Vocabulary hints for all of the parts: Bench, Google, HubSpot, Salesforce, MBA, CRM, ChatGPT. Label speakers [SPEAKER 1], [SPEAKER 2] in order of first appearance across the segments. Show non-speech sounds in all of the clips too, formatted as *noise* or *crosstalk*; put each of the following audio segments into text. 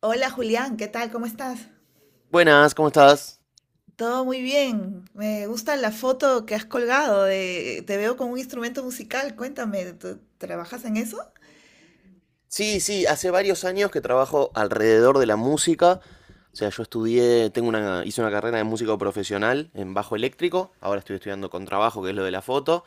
[SPEAKER 1] Hola Julián, ¿qué tal? ¿Cómo estás?
[SPEAKER 2] Buenas, ¿cómo estás?
[SPEAKER 1] Todo muy bien. Me gusta la foto que has colgado de, te veo con un instrumento musical. Cuéntame, ¿tú trabajas en eso?
[SPEAKER 2] Sí, sí, hace varios años que trabajo alrededor de la música. O sea, yo estudié, hice una carrera de músico profesional en bajo eléctrico. Ahora estoy estudiando con trabajo, que es lo de la foto.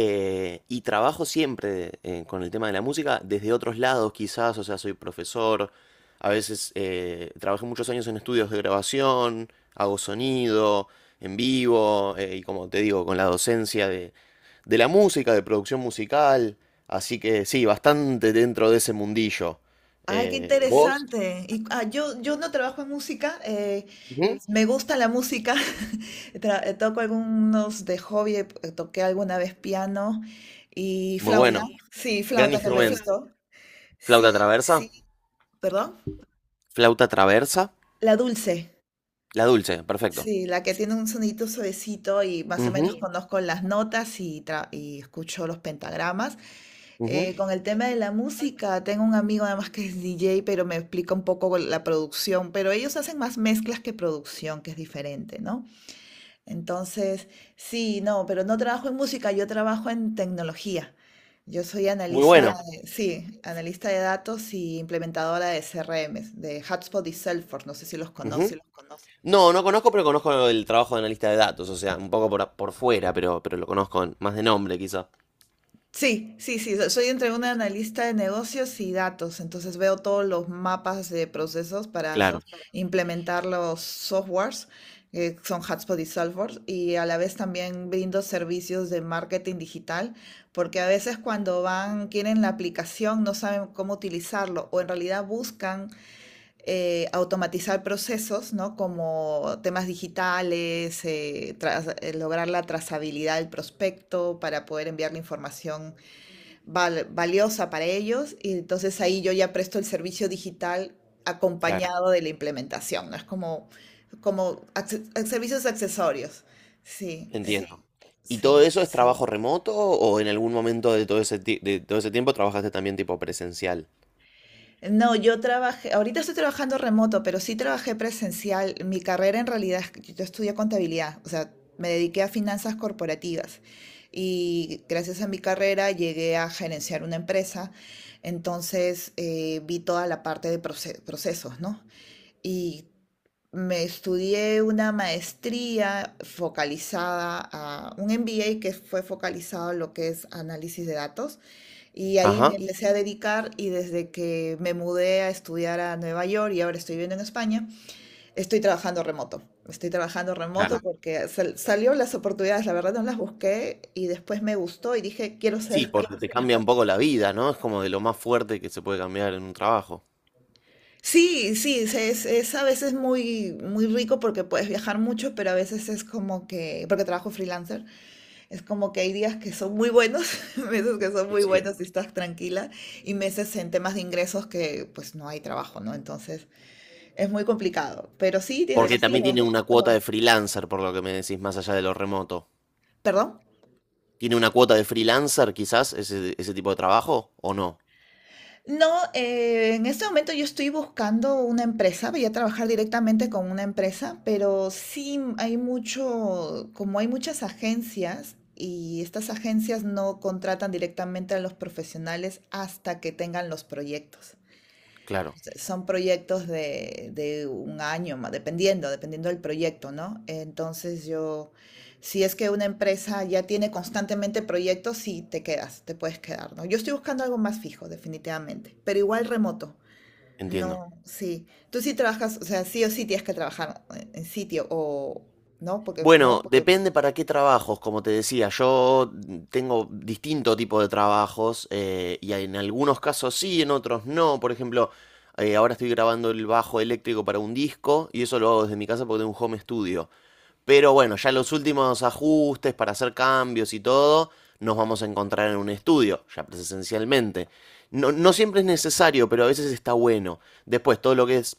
[SPEAKER 2] Y trabajo siempre con el tema de la música desde otros lados, quizás. O sea, soy profesor. A veces trabajé muchos años en estudios de grabación, hago sonido en vivo. Y como te digo, con la docencia de la música, de producción musical. Así que sí, bastante dentro de ese mundillo.
[SPEAKER 1] Ay, qué
[SPEAKER 2] ¿Vos?
[SPEAKER 1] interesante. Y, ah, yo no trabajo en música.
[SPEAKER 2] Ujú.
[SPEAKER 1] Me gusta la música. *laughs* Toco algunos de hobby. Toqué alguna vez piano y
[SPEAKER 2] Muy
[SPEAKER 1] flauta.
[SPEAKER 2] bueno.
[SPEAKER 1] Sí,
[SPEAKER 2] Gran, sí,
[SPEAKER 1] flauta que me
[SPEAKER 2] instrumento.
[SPEAKER 1] gustó. Sí,
[SPEAKER 2] ¿Flauta traversa? Sí.
[SPEAKER 1] perdón.
[SPEAKER 2] ¿Flauta traversa?
[SPEAKER 1] La dulce.
[SPEAKER 2] La dulce, perfecto.
[SPEAKER 1] Sí, la que tiene un sonidito suavecito y más o
[SPEAKER 2] Ujú,
[SPEAKER 1] menos conozco las notas y y escucho los pentagramas.
[SPEAKER 2] ujú.
[SPEAKER 1] Con el tema de la música, tengo un amigo además que es DJ, pero me explica un poco la producción, pero ellos hacen más mezclas que producción, que es diferente, ¿no? Entonces, sí, no, pero no trabajo en música, yo trabajo en tecnología. Yo soy
[SPEAKER 2] Muy Soy
[SPEAKER 1] analista,
[SPEAKER 2] bueno.
[SPEAKER 1] sí, analista de datos y implementadora de CRMs, de HubSpot y Salesforce, no sé si los
[SPEAKER 2] No sé.
[SPEAKER 1] conoces.
[SPEAKER 2] Ujú. No, no conozco, pero conozco el trabajo de analista de datos, o sea, un poco por, por fuera, pero lo conozco más de nombre, quizá. Pero,
[SPEAKER 1] Sí, sí, sí, soy entre una analista de negocios y datos, entonces veo todos los mapas de procesos para
[SPEAKER 2] claro,
[SPEAKER 1] implementar los softwares, que son Hotspot y Salesforce, y a la vez también brindo servicios de marketing digital, porque a veces cuando van, quieren la aplicación, no saben cómo utilizarlo, o en realidad buscan automatizar procesos, ¿no? Como temas digitales, lograr la trazabilidad del prospecto para poder enviar la información valiosa para ellos y entonces ahí yo ya presto el servicio digital
[SPEAKER 2] claro,
[SPEAKER 1] acompañado de la implementación, ¿no? Es como, como servicios accesorios. Sí,
[SPEAKER 2] sí, entiendo. ¿Y todo
[SPEAKER 1] sí.
[SPEAKER 2] eso es, sí, trabajo remoto o en algún momento de todo ese, de todo ese tiempo trabajaste también tipo presencial?
[SPEAKER 1] No, yo trabajé, ahorita estoy trabajando remoto, pero sí trabajé presencial. Mi carrera en realidad, es que yo estudié contabilidad, o sea, me dediqué a finanzas corporativas y gracias a mi carrera llegué a gerenciar una empresa, entonces vi toda la parte de procesos, ¿no? Y Me estudié una maestría focalizada a un MBA que fue focalizado a lo que es análisis de datos y ahí me
[SPEAKER 2] Ajá,
[SPEAKER 1] empecé a dedicar, y desde que me mudé a estudiar a Nueva York y ahora estoy viviendo en España, estoy trabajando remoto. Estoy trabajando remoto
[SPEAKER 2] claro.
[SPEAKER 1] porque salió las oportunidades, la verdad no las busqué y después me gustó y dije, quiero
[SPEAKER 2] Sí,
[SPEAKER 1] ser.
[SPEAKER 2] porque creo
[SPEAKER 1] *laughs*
[SPEAKER 2] te cambia un poco la vida, ¿no? Es como de lo más fuerte que se puede cambiar en un trabajo.
[SPEAKER 1] Sí, sí, es a veces muy, muy rico porque puedes viajar mucho, pero a veces es como que, porque trabajo freelancer. Es como que hay días que son muy buenos, *laughs* meses que son muy
[SPEAKER 2] Sí.
[SPEAKER 1] buenos y estás tranquila, y meses en temas de ingresos que pues no hay trabajo, ¿no? Entonces es muy complicado. Pero sí tienes,
[SPEAKER 2] Porque también tiene
[SPEAKER 1] pero,
[SPEAKER 2] una cuota de freelancer, por lo que me decís, más allá de lo remoto.
[SPEAKER 1] perdón.
[SPEAKER 2] ¿Tiene una cuota de freelancer quizás ese tipo de trabajo o no?
[SPEAKER 1] No, en este momento yo estoy buscando una empresa, voy a trabajar directamente con una empresa, pero sí hay mucho, como hay muchas agencias y estas agencias no contratan directamente a los profesionales hasta que tengan los proyectos.
[SPEAKER 2] Claro,
[SPEAKER 1] Sea, son proyectos de un año, dependiendo, dependiendo del proyecto, ¿no? Entonces yo, si es que una empresa ya tiene constantemente proyectos, sí te quedas, te puedes quedar, ¿no? Yo estoy buscando algo más fijo, definitivamente, pero igual remoto.
[SPEAKER 2] entiendo. No,
[SPEAKER 1] No, sí. Tú sí trabajas, o sea, sí o sí tienes que trabajar en sitio o, ¿no? Porque,
[SPEAKER 2] bueno, depende para qué trabajos, como te decía, yo tengo distinto tipo de trabajos y en algunos casos sí, en otros no. Por ejemplo, ahora estoy grabando el bajo eléctrico para un disco y eso lo hago desde mi casa porque tengo un home studio. Pero bueno, ya los últimos ajustes para hacer cambios y todo, nos vamos a encontrar en un estudio, ya presencialmente. No, no siempre es necesario, pero a veces está bueno. Después, todo lo que es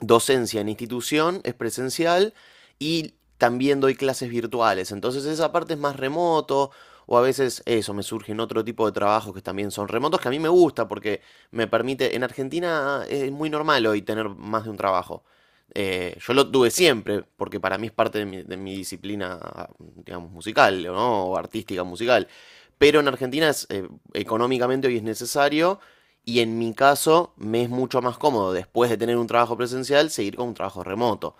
[SPEAKER 2] docencia en institución es presencial y también doy clases virtuales. Entonces esa parte es más remoto o a veces eso, me surgen otro tipo de trabajos que también son remotos que a mí me gusta porque me permite, en Argentina es muy normal hoy tener más de un trabajo. Yo lo tuve siempre, porque para mí es parte de mi disciplina, digamos, musical, ¿no? O artística musical. Pero en Argentina es, económicamente hoy es necesario y en mi caso me es mucho más cómodo después de tener un trabajo presencial seguir con un trabajo remoto.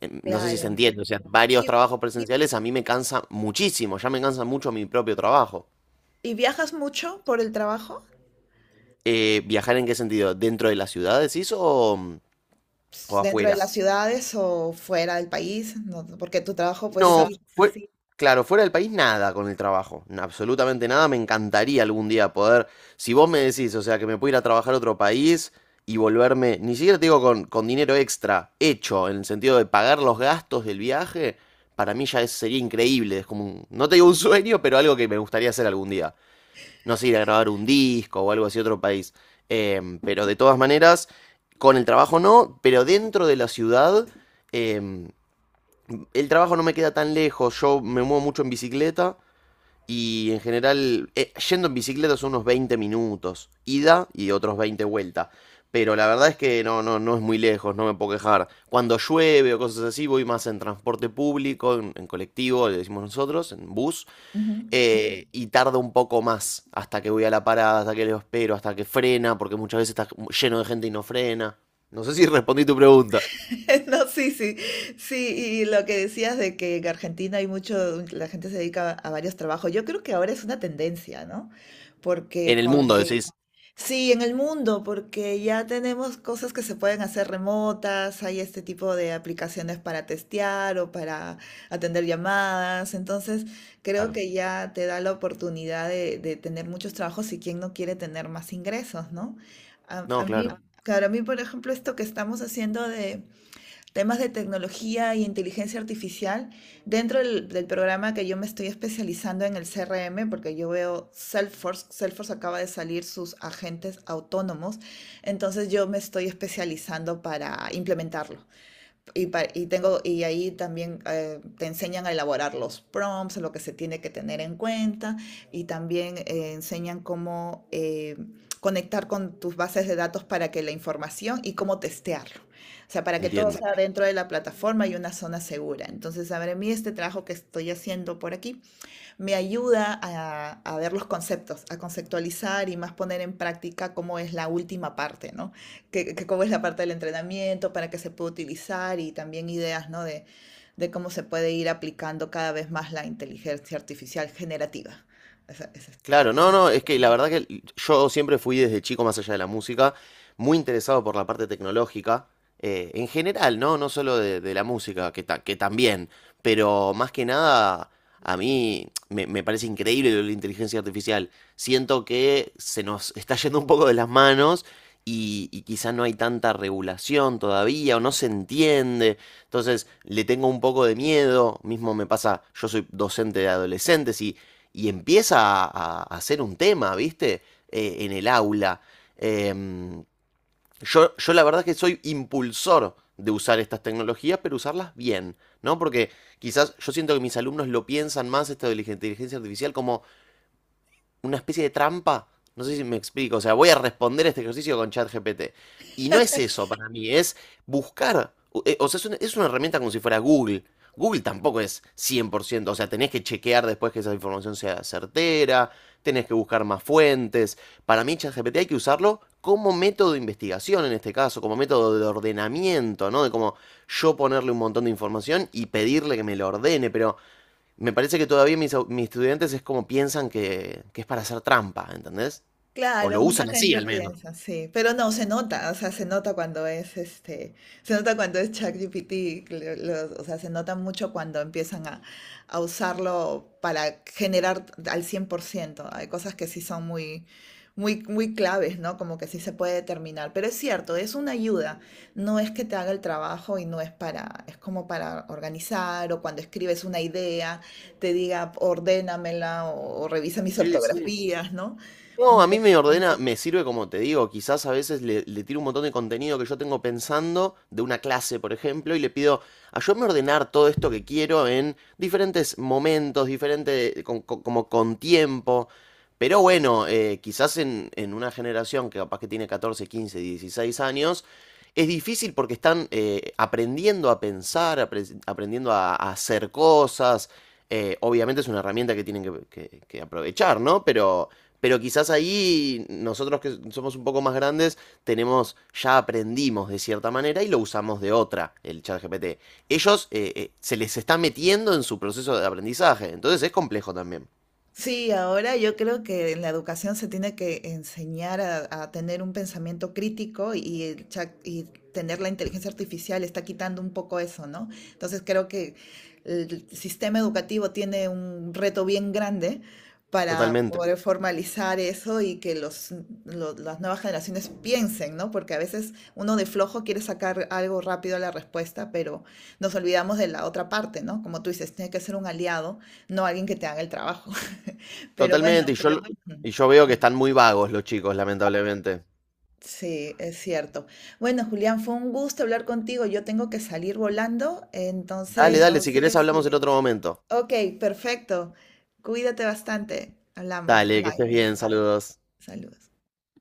[SPEAKER 2] No sé si se
[SPEAKER 1] claro.
[SPEAKER 2] entiende, o sea, varios
[SPEAKER 1] ¿Y,
[SPEAKER 2] trabajos presenciales a mí me cansa muchísimo, ya me cansa mucho mi propio trabajo.
[SPEAKER 1] y viajas mucho por el trabajo?
[SPEAKER 2] ¿Viajar en qué sentido? ¿Dentro de las ciudades, decís, o,
[SPEAKER 1] Ps,
[SPEAKER 2] o
[SPEAKER 1] ¿dentro de
[SPEAKER 2] afuera?
[SPEAKER 1] las ciudades o fuera del país? No, porque tu trabajo, pues
[SPEAKER 2] No,
[SPEAKER 1] sí.
[SPEAKER 2] fue, claro, fuera del país nada con el trabajo, absolutamente nada. Me encantaría algún día poder, si vos me decís, o sea, que me puedo ir a trabajar a otro país y volverme, ni siquiera te digo con dinero extra, hecho, en el sentido de pagar los gastos del viaje, para mí ya sería increíble. Es como, no te digo un sueño, pero algo que me gustaría hacer algún día. No sé, ir a grabar un disco o algo así a otro país. Pero de todas maneras, con el trabajo no, pero dentro de la ciudad em, el trabajo no me queda tan lejos, yo me muevo mucho en bicicleta y en general yendo en bicicleta son unos 20 minutos, ida y otros 20 vuelta. Pero la verdad es que no, no, no es muy lejos, no me puedo quejar. Cuando llueve o cosas así, voy más en transporte público, en colectivo, le decimos nosotros, en bus,
[SPEAKER 1] Ujú.
[SPEAKER 2] y tarda un poco más hasta que voy a la parada, hasta que lo espero, hasta que frena, porque muchas veces está lleno de gente y no frena. No sé si respondí tu pregunta.
[SPEAKER 1] *laughs* No, sí, sí, sí, y lo que decías de que en Argentina hay mucho, la gente se dedica a varios trabajos, yo creo que ahora es una tendencia, ¿no? Porque
[SPEAKER 2] En el mundo
[SPEAKER 1] con…
[SPEAKER 2] decís.
[SPEAKER 1] Sí, en el mundo, porque ya tenemos cosas que se pueden hacer remotas, hay este tipo de aplicaciones para testear o para atender llamadas, entonces creo que ya te da la oportunidad de tener muchos trabajos y quien no quiere tener más ingresos, ¿no?
[SPEAKER 2] No,
[SPEAKER 1] A mí,
[SPEAKER 2] claro,
[SPEAKER 1] claro, a mí, por ejemplo, esto que estamos haciendo de temas de tecnología y inteligencia artificial dentro del programa que yo me estoy especializando en el CRM, porque yo veo Salesforce, Salesforce acaba de salir sus agentes autónomos, entonces yo me estoy especializando para implementarlo. Y y tengo, y ahí también te enseñan a elaborar los prompts, lo que se tiene que tener en cuenta, y también enseñan cómo conectar con tus bases de datos para que la información y cómo testearlo. O sea, para que todo
[SPEAKER 2] entiendo.
[SPEAKER 1] sea dentro de la plataforma y una zona segura. Entonces, a ver, a mí este trabajo que estoy haciendo por aquí me ayuda a ver los conceptos, a conceptualizar y más poner en práctica cómo es la última parte, ¿no? Que cómo es la parte del entrenamiento, para qué se puede utilizar y también ideas, ¿no? De cómo se puede ir aplicando cada vez más la inteligencia artificial generativa. Esa, esa,
[SPEAKER 2] Claro,
[SPEAKER 1] esa.
[SPEAKER 2] no, no, es que la verdad que yo siempre fui desde chico, más allá de la música, muy interesado por la parte tecnológica, en general, ¿no? No solo de la música, que también, pero más que nada, a mí me parece increíble lo de la inteligencia artificial. Siento que se nos está yendo un poco de las manos y quizá no hay tanta regulación todavía o no se entiende. Entonces, le tengo un poco de miedo, mismo me pasa, yo soy docente de adolescentes y empieza a hacer un tema, ¿viste? En el aula. Eh, yo la verdad es que soy impulsor de usar estas tecnologías, pero usarlas bien, ¿no? Porque quizás yo siento que mis alumnos lo piensan más esto de la inteligencia artificial como una especie de trampa. No sé si me explico. O sea, voy a responder este ejercicio con ChatGPT. Y no es eso para mí, es buscar. O sea, es una herramienta como si fuera Google. Google tampoco es 100%. O sea, tenés que chequear después que esa información sea certera. Tenés que buscar más fuentes. Para mí, ChatGPT hay que usarlo como método de investigación en este caso, como método de ordenamiento, ¿no? De como yo ponerle un montón de información y pedirle que me lo ordene, pero me parece que todavía mis estudiantes es como piensan que es para hacer trampa, ¿entendés? O
[SPEAKER 1] Claro,
[SPEAKER 2] lo
[SPEAKER 1] mucha
[SPEAKER 2] usan así
[SPEAKER 1] gente
[SPEAKER 2] al menos.
[SPEAKER 1] piensa, sí, pero no, se nota, o sea, se nota cuando es este, se nota cuando es ChatGPT, o sea, se nota mucho cuando empiezan a usarlo para generar al 100%. Hay cosas que sí son muy, muy, muy claves, ¿no? Como que sí se puede determinar, pero es cierto, es una ayuda, no es que te haga el trabajo y no es para, es como para organizar o cuando escribes una idea, te diga, ordénamela o revisa mis
[SPEAKER 2] Sí, sí.
[SPEAKER 1] ortografías, ¿no?
[SPEAKER 2] No, a mí me ordena, me sirve como te digo, quizás a veces le tiro un montón de contenido que yo tengo pensando de una clase, por ejemplo, y le pido, ayúdame a ordenar todo esto que quiero en diferentes momentos, diferente, como con tiempo. Pero bueno, quizás en una generación que capaz que tiene 14, 15, 16 años, es difícil porque están aprendiendo a pensar, aprendiendo a hacer cosas. Obviamente es una herramienta que tienen que aprovechar, ¿no? Pero quizás ahí nosotros que somos un poco más grandes tenemos, ya aprendimos de cierta manera y lo usamos de otra, el chat GPT. Ellos se les está metiendo en su proceso de aprendizaje, entonces es complejo también.
[SPEAKER 1] Sí, ahora yo creo que en la educación se tiene que enseñar a tener un pensamiento crítico y, y tener la inteligencia artificial está quitando un poco eso, ¿no? Entonces creo que el sistema educativo tiene un reto bien grande para
[SPEAKER 2] Totalmente,
[SPEAKER 1] poder formalizar eso y que las nuevas generaciones piensen, ¿no? Porque a veces uno de flojo quiere sacar algo rápido a la respuesta, pero nos olvidamos de la otra parte, ¿no? Como tú dices, tiene que ser un aliado, no alguien que te haga el trabajo. *laughs* Pero
[SPEAKER 2] totalmente. Y
[SPEAKER 1] bueno,
[SPEAKER 2] yo, lo-
[SPEAKER 1] mm,
[SPEAKER 2] y yo veo que están muy vagos los chicos, lamentablemente.
[SPEAKER 1] sí, es cierto. Bueno, Julián, fue un gusto hablar contigo. Yo tengo que salir volando,
[SPEAKER 2] Dale,
[SPEAKER 1] entonces,
[SPEAKER 2] dale, si querés. Entonces, hablamos en otro momento.
[SPEAKER 1] ok, perfecto. Cuídate bastante. Hablamos.
[SPEAKER 2] Dale, que estés
[SPEAKER 1] Bye.
[SPEAKER 2] bien, saludos.
[SPEAKER 1] Saludos.